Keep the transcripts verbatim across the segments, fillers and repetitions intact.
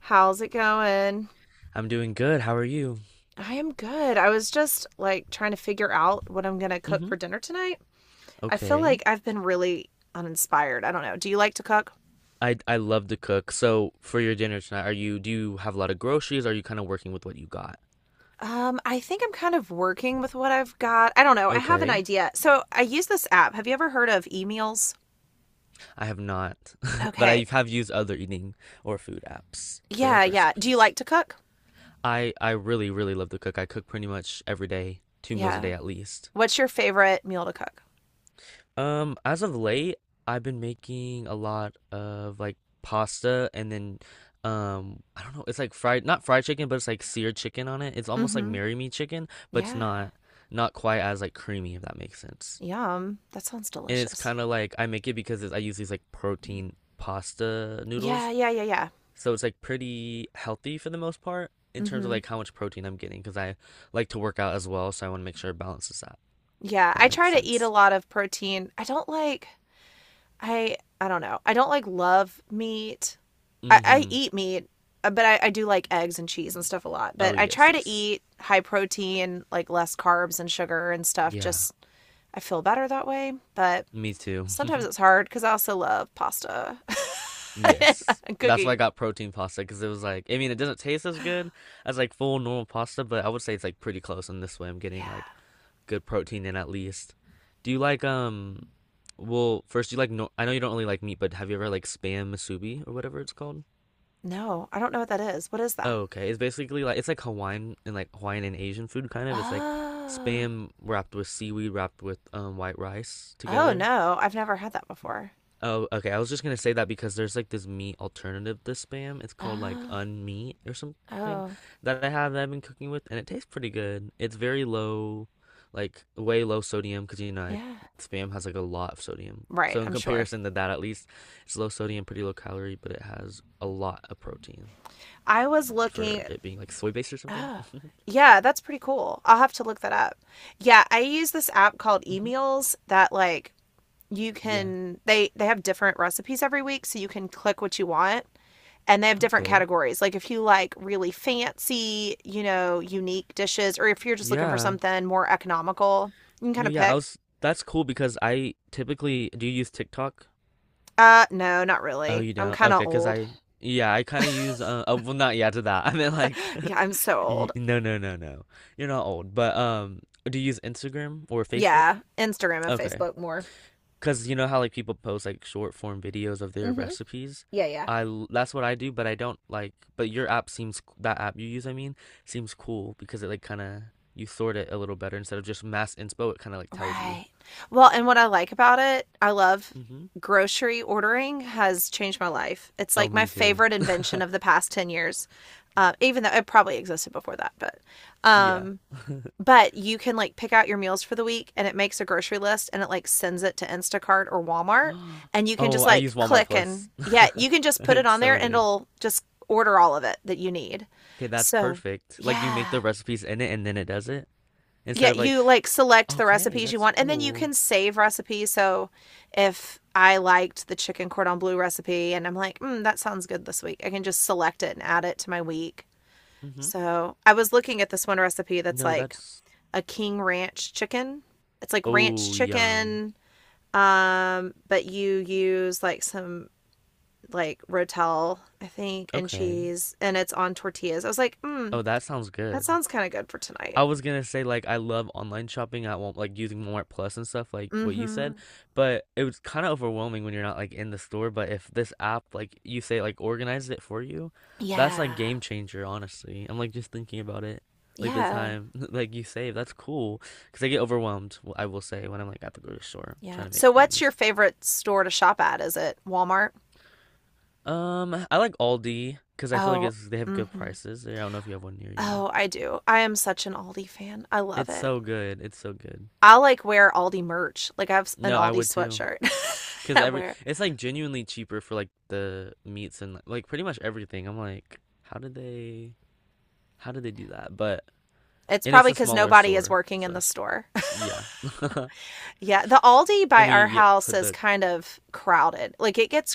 How's it going? I'm doing good. How are you? I am good. I was just like trying to figure out what I'm going to cook hmm for dinner tonight. I feel like Okay. I've been really uninspired. I don't know. Do you like to cook? I I love to cook. So for your dinner tonight, are you do you have a lot of groceries? Or are you kind of working with what you got? Um, I think I'm kind of working with what I've got. I don't know. I have an Okay. idea. So I use this app. Have you ever heard of e-meals? I have not, but Okay. I have used other eating or food apps for Yeah, like yeah. Do you recipes. like to cook? I I really really love to cook. I cook pretty much every day, two meals a Yeah. day at least. What's your favorite meal to cook? Um, as of late, I've been making a lot of like pasta, and then um I don't know, it's like fried not fried chicken, but it's like seared chicken on it. It's almost like Mm-hmm. Marry Me chicken, but it's Yeah. not not quite as like creamy, if that makes sense. Yum. That sounds And it's delicious. kind of like I make it because it's, I use these like protein pasta Yeah, noodles. yeah, yeah, yeah. So it's like pretty healthy for the most part in terms of Mm-hmm. like how much protein I'm getting, because I like to work out as well, so I want to make sure it balances that. If Yeah, that I makes try to eat a sense. lot of protein. I don't like I I don't know. I don't like love meat. I, I Mm-hmm. eat meat, uh, but I, I do like eggs and cheese and stuff a lot. Oh But I yes, try to yes. eat high protein, like less carbs and sugar and stuff. Yeah. Just I feel better that way. But Me too. sometimes it's hard because I also love pasta and uh, Yes. That's why I cookies. got protein pasta, because it was like, I mean, it doesn't taste as good as like full normal pasta, but I would say it's like pretty close. And this way, I'm getting like Yeah. good protein in at least. Do you like, um, well, first, do you like, no, I know you don't really like meat, but have you ever like spam musubi or whatever it's called? No, I don't know what that is. What is that? Oh, okay. It's basically like, it's like Hawaiian and like Hawaiian and Asian food kind of. It's like Oh. spam wrapped with seaweed, wrapped with um, white rice Oh together. no, I've never had that before. Oh, okay. I was just gonna say that because there's like this meat alternative to spam. It's called like Oh. unmeat or something Oh. that I have that I've been cooking with, and it tastes pretty good. It's very low, like way low sodium, because you know I, Yeah. spam has like a lot of sodium. Right, So in I'm sure. comparison to that, at least it's low sodium, pretty low calorie, but it has a lot of protein I was looking. for it being like soy based or something. Oh, yeah, that's pretty cool. I'll have to look that up. Yeah, I use this app called hmm Emails that like you Yeah. can they they have different recipes every week, so you can click what you want. And they have different Okay. categories. Like if you like really fancy, you know, unique dishes, or if you're just looking for Yeah. something more economical, you can kind No, of yeah. I pick. was. That's cool because I typically do you use TikTok? Uh, no, not Oh, really. you I'm don't? Okay, kind of okay, cause old. I yeah, I kind of use uh oh, well not yeah to that. I meant like Yeah, I'm so y- old. no, no, no, no. You're not old. But um do you use Instagram or Facebook? Yeah, Instagram and Okay, Facebook more. cause you know how like people post like short form videos of their Mm-hmm. recipes? Yeah, yeah. I l- that's what I do, but I don't like but your app seems c- that app you use, I mean, seems cool because it like kind of you sort it a little better instead of just mass inspo, it kind of like tells you. Right. Well, and what I like about it, I love Mhm. grocery ordering has changed my life. It's Oh, like my me too. favorite invention of the past ten years. Uh, even though it probably existed before that, but Yeah. um but you can like pick out your meals for the week, and it makes a grocery list and it like sends it to Instacart or Walmart, and you can Oh, just I like use Walmart click and, Plus. yeah, you can just put it It's on there so and good. it'll just order all of it that you need. Okay, that's So, perfect. Like you make the yeah. recipes in it and then it does it instead Yeah, of like, you like select the okay, recipes you that's want and then you cool. can save recipes. So if I liked the chicken cordon bleu recipe and I'm like, mm, that sounds good this week, I can just select it and add it to my week. Mm-hmm. So I was looking at this one recipe that's No, like that's a king ranch chicken. It's like ranch oh, yum. chicken, um, but you use like some like rotel, I think, and Okay. cheese, and it's on tortillas. I was like, mm, Oh, that sounds that good. sounds kind of good for tonight. I was gonna say like I love online shopping. I won't like using Walmart Plus and stuff like what you Mm-hmm. said, but it was kind of overwhelming when you're not like in the store. But if this app like you say like organizes it for you, that's like Yeah. game changer. Honestly, I'm like just thinking about it, like the Yeah. time like you save. That's cool because I get overwhelmed. w- I will say when I'm like at the grocery store Yeah. trying to So, make what's your things. favorite store to shop at? Is it Walmart? Um, I like Aldi because I feel like Oh, it's they have good mm-hmm. prices. I don't know if you have one near you. Oh, I do. I am such an Aldi fan. I love It's it. so good. It's so good. I like wear Aldi merch. Like I have an No, I Aldi would too. sweatshirt. Because I every wear. it's like genuinely cheaper for like the meats and like pretty much everything. I'm like, how did they how did they do that? But It's and it's probably a because smaller nobody is store, working so in the it's- store. yeah. Yeah, the Aldi And by we our yep house put is the kind of crowded. Like it gets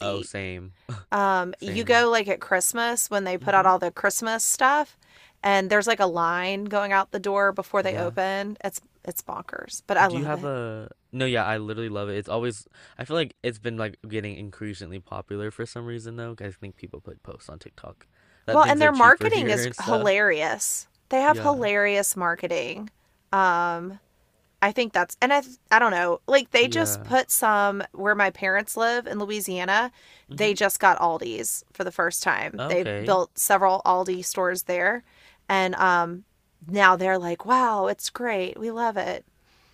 oh same. Um, you Same. go like at Christmas when they put out Mm-hmm. all the Christmas stuff, and there's like a line going out the door before they Yeah. open. It's it's bonkers, but I Do you love have it. a no? Yeah, I literally love it. It's always I feel like it's been like getting increasingly popular for some reason though, 'cause I think people put posts on TikTok that Well, and things are their cheaper marketing here is and stuff. hilarious. They have Yeah. hilarious marketing. Um, I think that's and I I don't know. Like they just Yeah. put some where my parents live in Louisiana, they Mm-hmm. just got Aldi's for the first time. They've Okay. built several Aldi stores there and um now they're like, "Wow, it's great. We love it."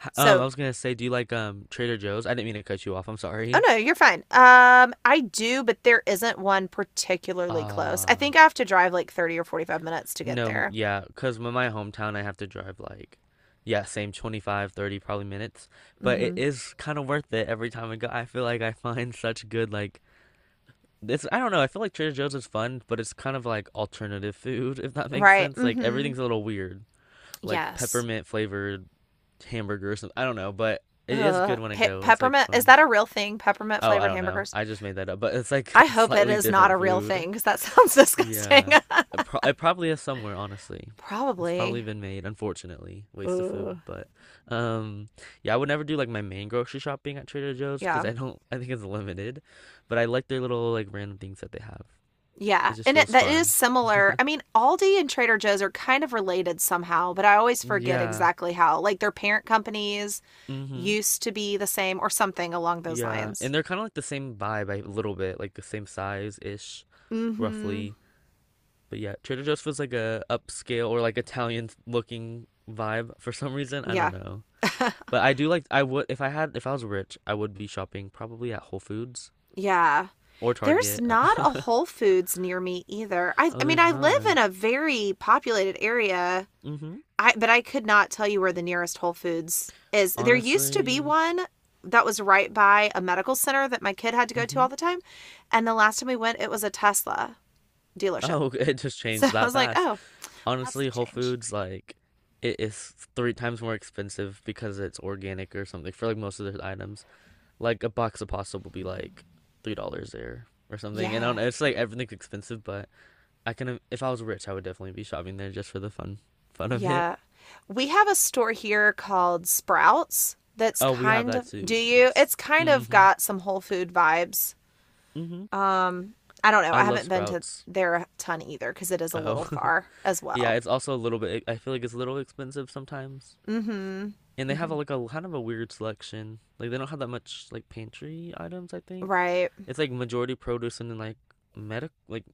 H- Um, I So, was gonna say, do you like um Trader Joe's? I didn't mean to cut you off. I'm oh sorry. no, you're fine. Um, I do, but there isn't one particularly close. I Uh, think I have to drive like thirty or forty-five minutes to get no, m- there. yeah, because in my hometown, I have to drive like, yeah, same twenty-five, thirty probably minutes, but it Mhm. is kind of worth it every time I go. I feel like I find such good like this. I don't know. I feel like Trader Joe's is fun, but it's kind of like alternative food, if that makes Right. sense. Like Mhm. everything's a little weird, like Yes. peppermint flavored hamburger or something. I don't know, but it is good Ugh. when I Pe- go. It's like Peppermint is fun. that a real thing? Peppermint Oh, I flavored don't know. hamburgers? I just made that up, but it's like I hope it slightly is not a different real food. thing cuz that sounds disgusting. Yeah. It, pro- it probably is somewhere, honestly. It's probably Probably. been made, unfortunately. Waste of food, Ugh. but um yeah, I would never do like my main grocery shopping at Trader Joe's because Yeah. I don't I think it's limited, but I like their little like random things that they have. Yeah. It just And it, feels that is fun. similar. I mean, Aldi and Trader Joe's are kind of related somehow, but I always forget Yeah. exactly how. Like their parent companies Mm-hmm. used to be the same or something along those Yeah. lines. And they're kind of like the same vibe by a little bit, like the same size-ish, Mhm. roughly. But yeah, Trader Joe's feels like a upscale or like Italian looking vibe for some reason. I don't Yeah. know. But I do like I would if I had if I was rich, I would be shopping probably at Whole Foods Yeah. or There's Target. not a Whole Foods near me either. I, oh, I mean, there's I live in not. a very populated area, Mm-hmm. I, but I could not tell you where the nearest Whole Foods is. There used to be Honestly. one that was right by a medical center that my kid had to go to Mm-hmm. all the time. And the last time we went, it was a Tesla dealership. Oh, it just So changed I that was like, oh, fast. well, that's a Honestly, Whole change. Foods like it is three times more expensive because it's organic or something for like most of their items. Like a box of pasta will be like three dollars there or something. And I don't Yeah. know, it's like everything's expensive, but I can if I was rich, I would definitely be shopping there just for the fun fun of it. Yeah. We have a store here called Sprouts that's Oh, we have kind that of, too. do you? It's Yes. kind of Mhm. got some Whole Food vibes. Mhm. Um, I don't know. I I love haven't been to Sprouts. there a ton either because it is a little Oh. far as Yeah, well. it's also a little bit I feel like it's a little expensive sometimes. Mm-hmm. And they have a, Mm-hmm. like a kind of a weird selection. Like they don't have that much like pantry items, I think. Right. It's like majority produce and then like medic like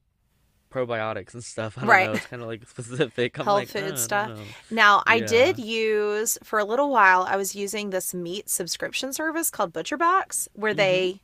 probiotics and stuff. I don't Right. know. It's kind of like specific. I'm Health like, food uh, I don't stuff. know. Now, I did Yeah. use for a little while, I was using this meat subscription service called ButcherBox, where Mhm. they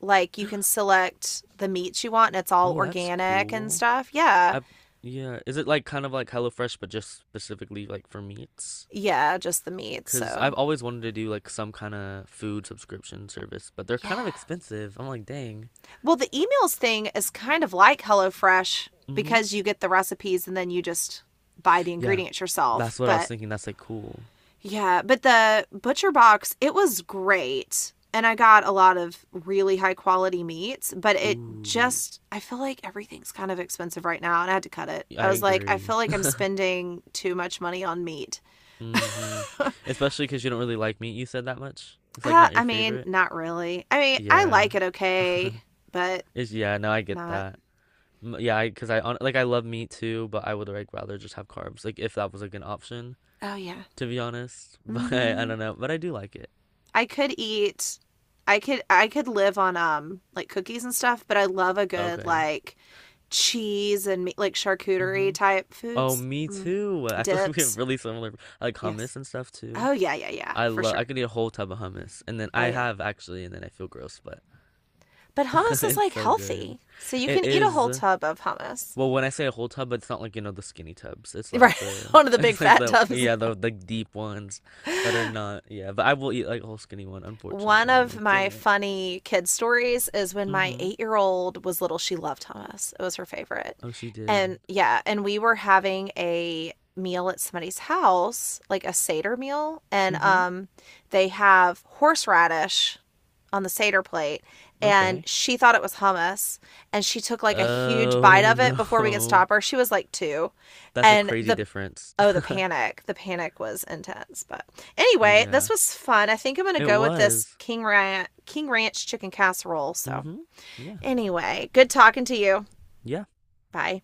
like you can select the meats you want and it's all Oh, that's organic and cool. stuff. Yeah. I've yeah, is it like kind of like HelloFresh but just specifically like for meats? Yeah, just the meat. Because 'Cause I've So, always wanted to do like some kind of food subscription service, but they're kind of yeah. expensive. I'm like, dang. Well, the emails thing is kind of like HelloFresh hmm because you get the recipes and then you just buy the Yeah. ingredients yourself. That's what I was But thinking. That's like cool. yeah, but the butcher box, it was great. And I got a lot of really high quality meats, but it Ooh, just, I feel like everything's kind of expensive right now and I had to cut it. yeah, I I was like, I feel agree. like I'm spending too much money on meat. hmm uh, Especially cause you don't really like meat, you said, that much. It's like not your I mean, favorite. not really. I mean, I Yeah. like it okay, but Is yeah, no, I get not. that. M- Yeah, cause I on like I love meat too, but I would like rather just have carbs. Like if that was like an option. Oh, yeah. To be honest. Mm But I hmm. don't know. But I do like it. I could eat I could I could live on um like cookies and stuff, but I love a good Okay. like cheese and meat, like charcuterie Mm-hmm. type Oh, foods, me mm. too. I feel like we have Dips. really similar like Yes. hummus and stuff too. Oh yeah, yeah, yeah, I for love. I sure. could eat a whole tub of hummus, and then I Oh yeah. have actually, and then I feel gross, but But hummus is it's like so good. healthy, so you It can eat a is. whole tub of hummus. Well, when I say a whole tub, it's not like you know the skinny tubs. It's like Right, the one of the big it's like fat the tubs. yeah the the deep ones that are not yeah. But I will eat like a whole skinny one. One Unfortunately, I'm of like my dang it. funny kid stories is when my Mm-hmm. eight year old was little, she loved hummus. It was her favorite. Oh, she did. And yeah, and we were having a meal at somebody's house, like a Seder meal. And Mm-hmm. um, they have horseradish on the Seder plate. And Okay. she thought it was hummus. And she took like a huge bite Oh of it before we could no. stop her. She was like two. That's a And crazy the difference. Oh, the panic. The panic was intense. But anyway, this Yeah. was fun. I think I'm going to It go with this was. King Ranch, King Ranch chicken casserole. So, Mm-hmm. Yeah. anyway, good talking to you. Yeah. Bye.